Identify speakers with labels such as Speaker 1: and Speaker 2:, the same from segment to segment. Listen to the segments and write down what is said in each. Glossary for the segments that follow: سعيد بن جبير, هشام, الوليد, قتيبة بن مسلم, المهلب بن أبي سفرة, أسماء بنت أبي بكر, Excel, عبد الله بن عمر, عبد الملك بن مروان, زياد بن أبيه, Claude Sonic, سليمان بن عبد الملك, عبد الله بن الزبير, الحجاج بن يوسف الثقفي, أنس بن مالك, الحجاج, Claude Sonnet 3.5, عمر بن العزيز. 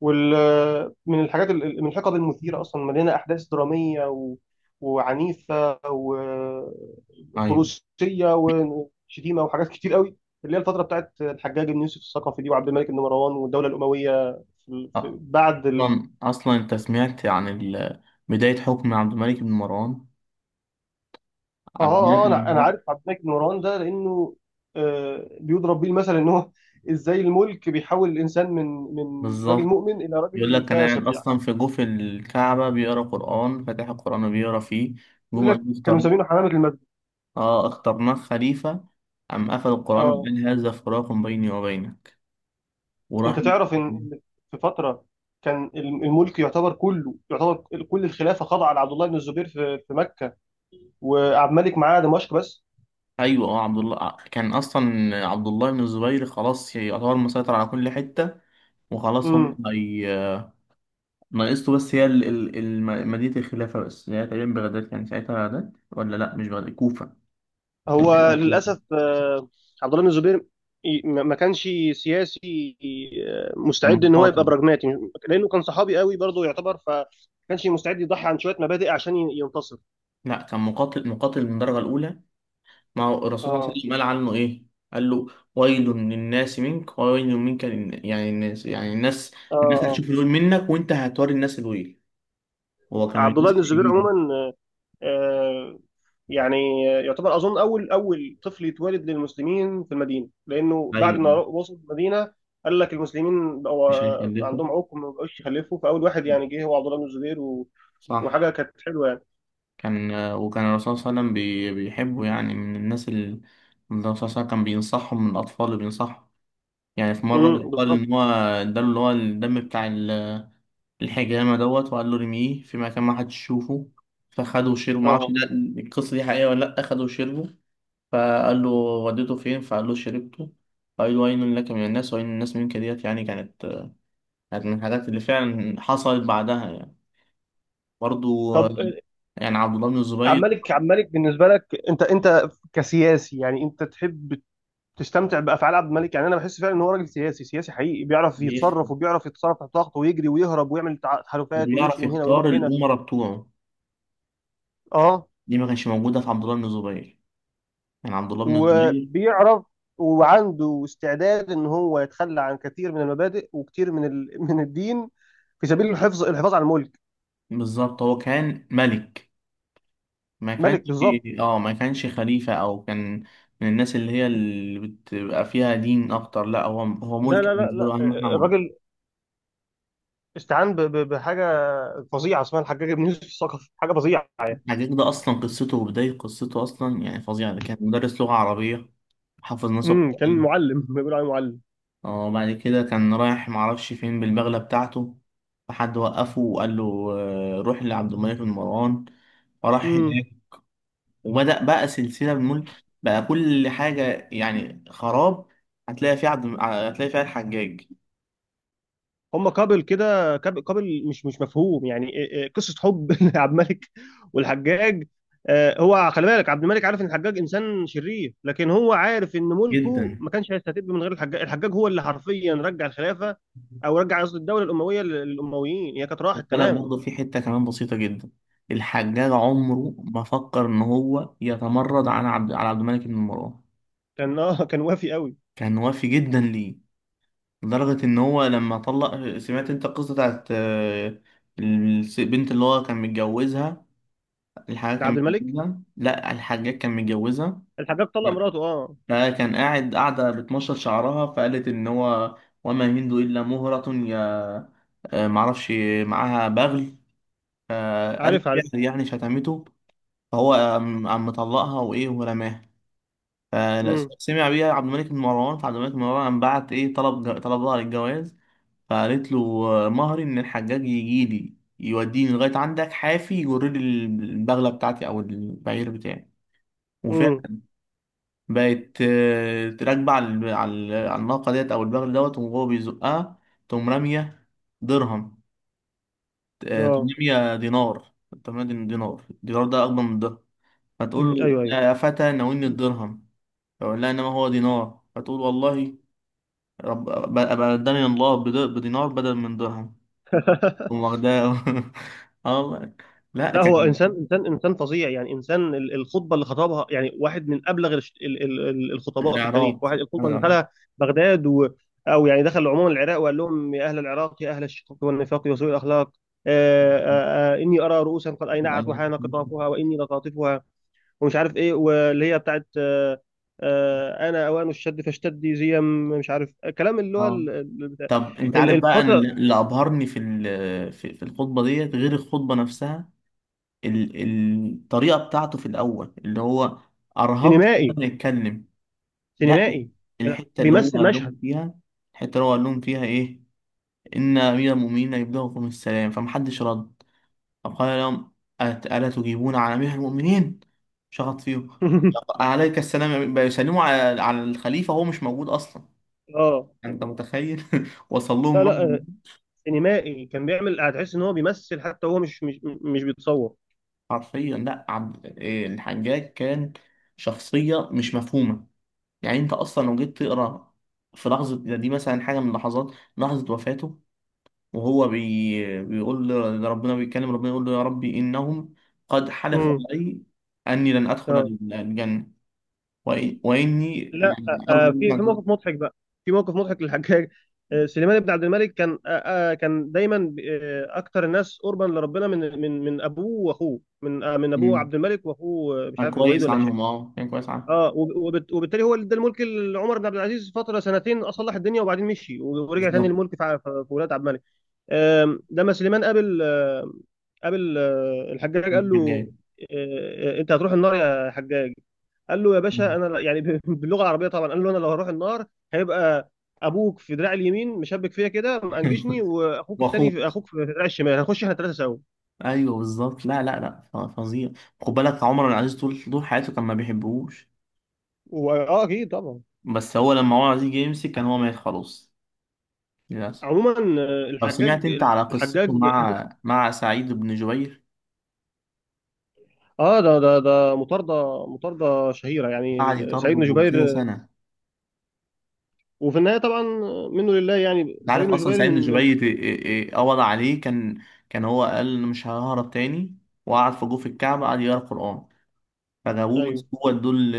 Speaker 1: وال من الحاجات من الحقب المثيرة أصلا مليانة أحداث درامية وعنيفة
Speaker 2: أيوة.
Speaker 1: وفروسية وشتيمة وحاجات كتير قوي، اللي هي الفترة بتاعت الحجاج بن يوسف الثقفي دي وعبد الملك بن مروان والدولة الأموية.
Speaker 2: أصلا أنت سمعت عن بداية حكم عبد الملك بن مروان؟
Speaker 1: آه
Speaker 2: عبد الملك
Speaker 1: آه آه،
Speaker 2: بن
Speaker 1: أنا
Speaker 2: مروان
Speaker 1: عارف عبد الملك بن مروان ده لأنه بيضرب بيه المثل، إن هو إزاي الملك بيحول الإنسان من راجل
Speaker 2: بالظبط.
Speaker 1: مؤمن إلى
Speaker 2: يقول
Speaker 1: راجل
Speaker 2: لك كان قاعد
Speaker 1: فاسق يعني.
Speaker 2: أصلا في جوف الكعبة بيقرأ قرآن، فاتح القرآن وبيقرأ فيه،
Speaker 1: بيقول
Speaker 2: جم
Speaker 1: لك
Speaker 2: قالوا
Speaker 1: كانوا
Speaker 2: اختار.
Speaker 1: مسمينه حمامة المسجد.
Speaker 2: اخترناه خليفة. قام قفل القرآن
Speaker 1: آه،
Speaker 2: وقال: هذا فراق بيني وبينك،
Speaker 1: انت
Speaker 2: وراح.
Speaker 1: تعرف ان في فتره كان الملك يعتبر، كله يعتبر كل الخلافه خاضعه لعبد الله بن الزبير في مكه، وعبد الملك معاه دمشق بس.
Speaker 2: أيوة. عبد الله، كان أصلا عبد الله بن الزبير خلاص يعتبر مسيطر على كل حتة، وخلاص. هو
Speaker 1: امم.
Speaker 2: هي ناقصته بس هي مدينة الخلافة، بس هي تقريبا بغداد. كان ساعتها بغداد ولا لأ؟ مش بغداد، كوفة.
Speaker 1: هو
Speaker 2: ساعتها كوفة.
Speaker 1: للاسف عبد الله بن الزبير ما كانش سياسي
Speaker 2: كان
Speaker 1: مستعد ان هو يبقى
Speaker 2: مقاتل.
Speaker 1: براجماتي، لانه كان صحابي قوي برضه يعتبر، فما كانش مستعد يضحي عن شويه مبادئ عشان ينتصر.
Speaker 2: لأ، كان مقاتل مقاتل من الدرجة الأولى. ما هو الرسول صلى الله عليه
Speaker 1: اه،
Speaker 2: وسلم قال عنه إيه؟ قال له: ويل للناس منك، ويل منك يعني الناس، يعني الناس،
Speaker 1: اه،
Speaker 2: الناس
Speaker 1: اه.
Speaker 2: هتشوف الويل منك وأنت هتوري الناس الويل. هو كان من
Speaker 1: عبد
Speaker 2: الناس
Speaker 1: الله بن الزبير
Speaker 2: الشديدة.
Speaker 1: عموما آه، يعني يعتبر، اظن، اول طفل يتولد للمسلمين في المدينه، لانه بعد ما
Speaker 2: أيوه،
Speaker 1: وصل المدينه قال لك المسلمين
Speaker 2: مش
Speaker 1: بقوا
Speaker 2: هيخلفه.
Speaker 1: عندهم عقم، ما بقوش يخلفوا، فاول واحد يعني جه هو عبد الله بن الزبير،
Speaker 2: صح.
Speaker 1: وحاجه كانت حلوه يعني.
Speaker 2: كان وكان الرسول صلى الله عليه وسلم بيحبه، يعني من الناس اللي الرسول صلى الله عليه وسلم كان بينصحهم، من الأطفال اللي بينصحهم. يعني في
Speaker 1: امم،
Speaker 2: مرة قال
Speaker 1: بالظبط،
Speaker 2: إن هو اداله اللي هو الدم بتاع الحجامة دوت، وقال له رميه في مكان ما حدش يشوفه، فخده وشربه. معرفش
Speaker 1: اه.
Speaker 2: ده، القصة دي حقيقية ولا لأ. خده وشربه، فقال له: وديته فين؟ فقال له: شربته. فقال له: ويل لك من الناس، ويل الناس منك. ديت يعني كانت، كانت من الحاجات اللي فعلا حصلت بعدها يعني. برضو
Speaker 1: طب
Speaker 2: يعني عبد الله بن الزبير.
Speaker 1: عمالك بالنسبه لك، انت كسياسي، يعني انت تحب تستمتع بافعال عبد الملك؟ يعني انا بحس فعلا ان هو راجل سياسي، سياسي حقيقي، بيعرف
Speaker 2: بيخ-
Speaker 1: يتصرف، وبيعرف يتصرف تحت ضغط، ويجري، ويهرب، ويعمل تحالفات، ويمشي
Speaker 2: بيعرف
Speaker 1: من هنا
Speaker 2: يختار
Speaker 1: ويروح هنا.
Speaker 2: الأمراء بتوعه،
Speaker 1: اه،
Speaker 2: دي ما كانش موجودة في عبد الله بن الزبير. يعني عبد الله بن الزبير
Speaker 1: وبيعرف وعنده استعداد ان هو يتخلى عن كثير من المبادئ وكثير من من الدين، في سبيل الحفاظ على الملك.
Speaker 2: بالظبط هو كان ملك، ما
Speaker 1: ملك،
Speaker 2: كانش.
Speaker 1: بالظبط.
Speaker 2: اه، ما كانش خليفة، او كان من الناس اللي هي اللي بتبقى فيها دين اكتر. لا، هو هو
Speaker 1: لا،
Speaker 2: ملك،
Speaker 1: لا، لا،
Speaker 2: بالنسبة له
Speaker 1: لا.
Speaker 2: اهم احنا ملك.
Speaker 1: الراجل استعان بحاجه فظيعه اسمها الحجاج بن يوسف الثقفي، حاجه فظيعه يعني.
Speaker 2: حاجة ده اصلا، قصته وبداية قصته اصلا يعني فظيعة. ده كان مدرس لغة عربية، حافظ ناس
Speaker 1: امم، كان
Speaker 2: القرآن.
Speaker 1: معلم، بيقولوا عليه معلم.
Speaker 2: اه، بعد كده كان رايح معرفش فين بالبغلة بتاعته، فحد وقفه وقال له: روح لعبد الملك بن مروان. فراح
Speaker 1: امم.
Speaker 2: هناك، وبدأ بقى سلسلة بالملك، بقى كل حاجة يعني خراب. هتلاقي فيها عبد، هتلاقي فيها الحجاج.
Speaker 1: هم كابل كده، كابل مش مفهوم يعني. إيه، قصه حب عبد الملك والحجاج. هو خلي بالك عبد الملك عارف ان الحجاج انسان شرير، لكن هو عارف ان ملكه
Speaker 2: جدا.
Speaker 1: ما كانش هيستتب من غير الحجاج. الحجاج هو اللي حرفيا رجع الخلافه، او رجع قصدي الدوله الامويه للامويين، هي كانت
Speaker 2: خد
Speaker 1: راحت
Speaker 2: بالك
Speaker 1: تماما.
Speaker 2: برضه في حتة كمان بسيطة جدا. الحجاج عمره ما فكر إن هو يتمرد على عبد الملك بن مروان.
Speaker 1: كان كان وافي قوي.
Speaker 2: كان وافي جدا ليه، لدرجة إن هو لما طلق. سمعت أنت القصة بتاعت البنت اللي هو كان متجوزها؟ الحجاج
Speaker 1: ده
Speaker 2: كان
Speaker 1: عبد الملك.
Speaker 2: متجوزها، لا الحجاج كان متجوزها.
Speaker 1: الحجاج طلق
Speaker 2: لا،
Speaker 1: مراته، اه.
Speaker 2: فكان قاعدة بتمشط شعرها، فقالت إن هو: وما يمين إلا مهرة يا معرفش. معاها بغل، قالت
Speaker 1: عارف، عارف.
Speaker 2: شعر، يعني شتمته. هو قام مطلقها وايه، ورماها.
Speaker 1: امم.
Speaker 2: فسمع بيها عبد الملك بن مروان، فعبد الملك بن مروان قام بعت ايه، طلبها للجواز. فقالت له: مهري ان الحجاج يجي لي يوديني لغايه عندك حافي، يجر لي البغله بتاعتي او البعير بتاعي.
Speaker 1: امم.
Speaker 2: وفعلا بقت راكبه على على الناقه ديت او البغل دوت، وهو بيزقها، تقوم راميه درهم، تقوم
Speaker 1: اه.
Speaker 2: راميه دينار، تقوم رامية دينار. الدينار ده اكبر من الدرهم، فتقول
Speaker 1: مم.
Speaker 2: له:
Speaker 1: ايوه، ايوه.
Speaker 2: يا فتى ناولني الدرهم، فأقول لها: إنما هو دينار، فتقول: والله رب أبقى قدامي الله بدينار بدل من درهم. تقوم واخداه. آه والله. لا
Speaker 1: لا، هو
Speaker 2: كان
Speaker 1: انسان فظيع يعني. انسان الخطبه اللي خطبها يعني واحد من ابلغ الخطباء في التاريخ. واحد
Speaker 2: العراق،
Speaker 1: الخطبه اللي
Speaker 2: آه.
Speaker 1: دخلها بغداد، او يعني دخل عموما العراق، وقال لهم: يا اهل العراق، يا اهل الشقاق والنفاق وسوء الاخلاق، آه اني ارى رؤوسا قد اينعت وحان قطافها واني لطاطفها، ومش عارف ايه، واللي هي بتاعت انا اوان الشد فاشتدي، زي مش عارف، كلام اللي هو
Speaker 2: اه. طب انت عارف بقى، انا
Speaker 1: الفتره.
Speaker 2: اللي اللي ابهرني في في الخطبه ديت، غير الخطبه نفسها، الطريقه بتاعته في الاول اللي هو ارهب
Speaker 1: سينمائي،
Speaker 2: لما يتكلم. لا،
Speaker 1: سينمائي. يعني
Speaker 2: الحته اللي هو
Speaker 1: بيمثل
Speaker 2: قال
Speaker 1: مشهد
Speaker 2: لهم فيها، الحته اللي هو قال لهم فيها ايه؟ إن أمير المؤمنين يبلغكم السلام. فمحدش رد. طب قال لهم: ألا تجيبون عن أمير المؤمنين؟ شخط فيهم. طب عليك السلام يا أمير، بيسلموا على على الخليفة، هو مش موجود أصلا.
Speaker 1: اه،
Speaker 2: يعني أنت متخيل؟ وصل
Speaker 1: لا،
Speaker 2: لهم
Speaker 1: لا،
Speaker 2: رد.
Speaker 1: سينمائي، كان بيعمل هتحس ان هو بيمثل، حتى هو مش بيتصور.
Speaker 2: حرفيا. لا عبد الحجاج كان شخصية مش مفهومة. يعني أنت أصلا لو جيت تقرأ في لحظة دي مثلا، حاجة من لحظات، لحظة وفاته وهو بيقول لربنا، بيتكلم ربنا، يقول له: يا ربي إنهم قد حلفوا
Speaker 1: امم.
Speaker 2: علي أني لن أدخل
Speaker 1: اه.
Speaker 2: الجنة، وإني
Speaker 1: لا.
Speaker 2: يعني أرجو منك
Speaker 1: في
Speaker 2: أن
Speaker 1: في موقف
Speaker 2: تكون.
Speaker 1: مضحك بقى، في موقف مضحك للحجاج. سليمان بن عبد الملك كان دايما اكتر الناس قربا لربنا من ابوه واخوه، من ابوه
Speaker 2: مم.
Speaker 1: عبد الملك، واخوه مش
Speaker 2: كان
Speaker 1: عارف الوليد
Speaker 2: كويس
Speaker 1: ولا هشام.
Speaker 2: عنهم، أه كان كويس عنهم.
Speaker 1: اه، وبالتالي هو اللي ادى الملك لعمر بن عبد العزيز فتره سنتين، اصلح الدنيا، وبعدين مشي، ورجع تاني
Speaker 2: بالظبط.
Speaker 1: الملك في ولاد عبد الملك. لما سليمان قابل الحجاج قال
Speaker 2: كان
Speaker 1: له:
Speaker 2: جاي.
Speaker 1: انت هتروح النار يا حجاج. قال له: يا باشا انا يعني باللغه العربيه طبعا، قال له: انا لو هروح النار هيبقى ابوك في دراعي اليمين مشبك فيا كده منجشني، واخوك التاني في
Speaker 2: واخوك.
Speaker 1: اخوك في دراعي الشمال، هنخش احنا الثلاثه سوا.
Speaker 2: ايوه بالظبط. لا لا لا، فظيع. خد بالك عمر بن العزيز طول حياته كان ما بيحبوش،
Speaker 1: اه، اكيد طبعا.
Speaker 2: بس هو لما عمر العزيز جه يمسك كان هو مات خلاص. للاسف.
Speaker 1: عموما
Speaker 2: طب
Speaker 1: الحجاج
Speaker 2: سمعت انت على قصته
Speaker 1: الحجاج بص،
Speaker 2: مع مع سعيد بن جبير؟
Speaker 1: اه، ده مطارده شهيره يعني،
Speaker 2: قعد
Speaker 1: سعيد بن
Speaker 2: يطرده
Speaker 1: جبير.
Speaker 2: كذا سنة.
Speaker 1: وفي النهايه طبعا منه لله يعني،
Speaker 2: انت عارف
Speaker 1: سعيد بن
Speaker 2: اصلا
Speaker 1: جبير
Speaker 2: سعيد
Speaker 1: من
Speaker 2: من
Speaker 1: من
Speaker 2: جبيت إيه؟ قبض عليه، كان كان هو قال: أنا مش ههرب تاني. وقعد في جوف الكعبة، قعد يقرا قرآن، فجابوه
Speaker 1: ايوه.
Speaker 2: مسكوه ادوه ل-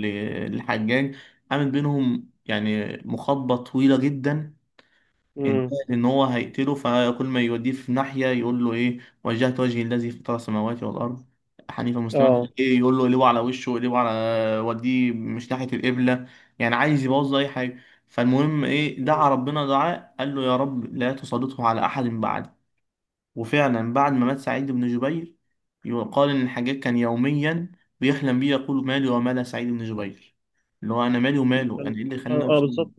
Speaker 2: ل- للحجاج. قامت بينهم يعني مخاطبة طويلة جدا،
Speaker 1: امم.
Speaker 2: انتهت ان هو هيقتله. فكل ما يوديه في ناحيه يقول له ايه: وجهت وجهي الذي فطر السماوات والارض حنيفا مسلما.
Speaker 1: اه.
Speaker 2: ايه يقول له: اقلبه على وشه، اقلبه على وديه مش ناحيه القبله، يعني عايز يبوظ اي حاجه. فالمهم ايه،
Speaker 1: ايوه.
Speaker 2: دعا ربنا دعاء، قال له: يا رب لا تسلطه على احد بعد. وفعلا بعد ما مات سعيد بن جبير، يقال ان الحجاج كان يوميا بيحلم بيه، يقول: مالي ومال سعيد بن جبير؟ اللي هو انا مالي وماله،
Speaker 1: كان-
Speaker 2: انا ايه اللي خلاني
Speaker 1: اه، آه،
Speaker 2: اوصل.
Speaker 1: بالظبط.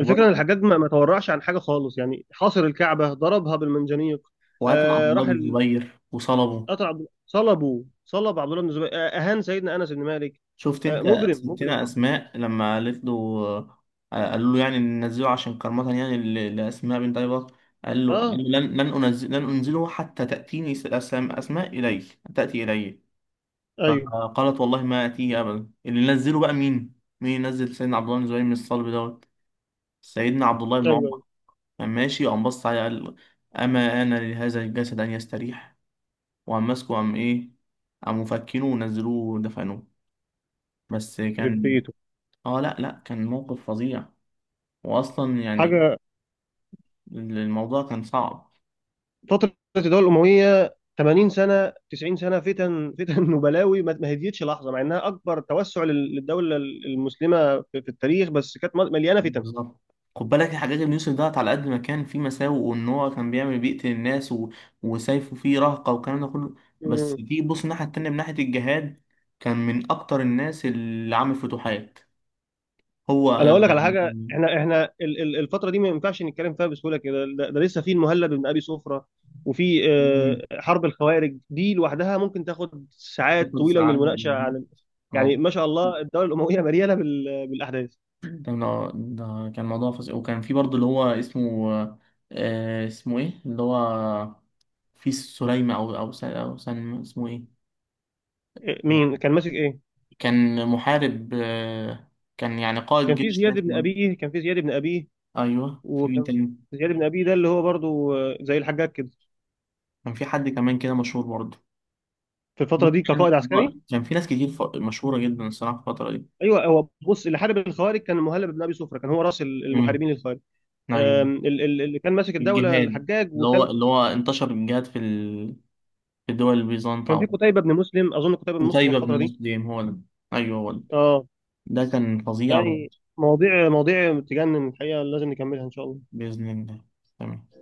Speaker 1: الفكره ان الحجاج ما تورعش عن حاجه خالص، يعني حاصر الكعبه، ضربها بالمنجنيق.
Speaker 2: وقتل عبد
Speaker 1: آه،
Speaker 2: الله بن زبير وصلبه.
Speaker 1: قتل عبد صلبه، صلب عبد الله بن الزبير، آه، اهان سيدنا انس بن مالك،
Speaker 2: شفت
Speaker 1: آه،
Speaker 2: انت
Speaker 1: مجرم، مجرم.
Speaker 2: ستنا اسماء لما رفضوا، قالوا له يعني ننزله عشان كرامة يعني لاسماء بنت ابي بكر؟
Speaker 1: اه،
Speaker 2: قال له: لن انزل، لن انزله حتى تاتيني اسماء الي، تاتي الي.
Speaker 1: ايوه،
Speaker 2: فقالت: والله ما اتيه ابدا. اللي نزله بقى مين؟ مين نزل سيدنا عبد الله بن زبير من الصلب دوت؟ سيدنا عبد الله بن
Speaker 1: ايوه،
Speaker 2: عمر.
Speaker 1: ايوه.
Speaker 2: كان ماشي، قام بص عليه قال: اما انا لهذا الجسد ان يستريح. وقام ماسكه، قام ايه؟ قام مفكينه ونزلوه ودفنوه. بس
Speaker 1: يخرب
Speaker 2: كان.
Speaker 1: بيته.
Speaker 2: اه لا لا، كان موقف فظيع، واصلا يعني
Speaker 1: حاجه.
Speaker 2: الموضوع كان صعب.
Speaker 1: فتره الدوله الامويه 80 سنه، 90 سنه، فتن، فتن وبلاوي، ما هديتش لحظه، مع انها اكبر توسع للدوله المسلمه في التاريخ، بس كانت مليانه
Speaker 2: بالظبط. خد بالك يا حجاج بن يوسف دوت، على قد ما كان فيه مساوئ، وان هو كان بيعمل بيقتل الناس و، وسيفه فيه رهقه والكلام ده كله، بس
Speaker 1: فتن.
Speaker 2: تيجي تبص الناحيه التانيه من ناحيه الجهاد، كان من اكتر الناس اللي عامل فتوحات هو.
Speaker 1: انا اقول لك على حاجه: احنا الفتره دي ما ينفعش نتكلم فيها بسهوله كده، ده لسه في المهلب بن ابي سفره، وفي
Speaker 2: مم.
Speaker 1: حرب الخوارج دي لوحدها ممكن تاخد ساعات
Speaker 2: ياخد
Speaker 1: طويله من
Speaker 2: ساعة.
Speaker 1: المناقشه عن يعني
Speaker 2: موضوع.
Speaker 1: ما شاء الله الدوله الامويه مليانه بالاحداث.
Speaker 2: ده ده كان موضوع فظيع. وكان في برضه اللي هو اسمه اسمه ايه اللي هو؟ في سليمة أو أو أو سن، اسمه إيه؟
Speaker 1: إيه، مين كان ماسك ايه؟
Speaker 2: كان محارب، كان يعني قائد
Speaker 1: كان في
Speaker 2: جيش، كان
Speaker 1: زياد بن
Speaker 2: اسمه إيه؟
Speaker 1: ابيه، كان في زياد بن ابيه،
Speaker 2: أيوه، في مين
Speaker 1: وكان
Speaker 2: تاني؟
Speaker 1: زياد بن ابيه ده اللي هو برضو زي الحجاج كده،
Speaker 2: كان في حد كمان كده مشهور برضه.
Speaker 1: في الفتره
Speaker 2: ممكن
Speaker 1: دي
Speaker 2: يعني،
Speaker 1: كقائد عسكري.
Speaker 2: كان في ناس كتير مشهورة جدا الصراحة في الفترة دي.
Speaker 1: ايوه، هو بص، اللي حارب الخوارج كان المهلب بن ابي سفره، كان هو راس
Speaker 2: امم.
Speaker 1: المحاربين للخوارج.
Speaker 2: أيوه.
Speaker 1: اللي كان ماسك الدوله
Speaker 2: الجهاد،
Speaker 1: الحجاج،
Speaker 2: اللي هو
Speaker 1: وكان
Speaker 2: اللي هو انتشر الجهاد في في دول البيزنط
Speaker 1: كان في
Speaker 2: أو.
Speaker 1: قتيبه بن مسلم اظن، قتيبه بن مسلم في
Speaker 2: قتيبة بن
Speaker 1: الفتره دي.
Speaker 2: مسلم، هو ده. أيوه هو ده.
Speaker 1: اه،
Speaker 2: ده كان فظيع.
Speaker 1: يعني مواضيع، مواضيع تجنن الحقيقه، لازم نكملها ان شاء الله.
Speaker 2: بإذن الله. تمام.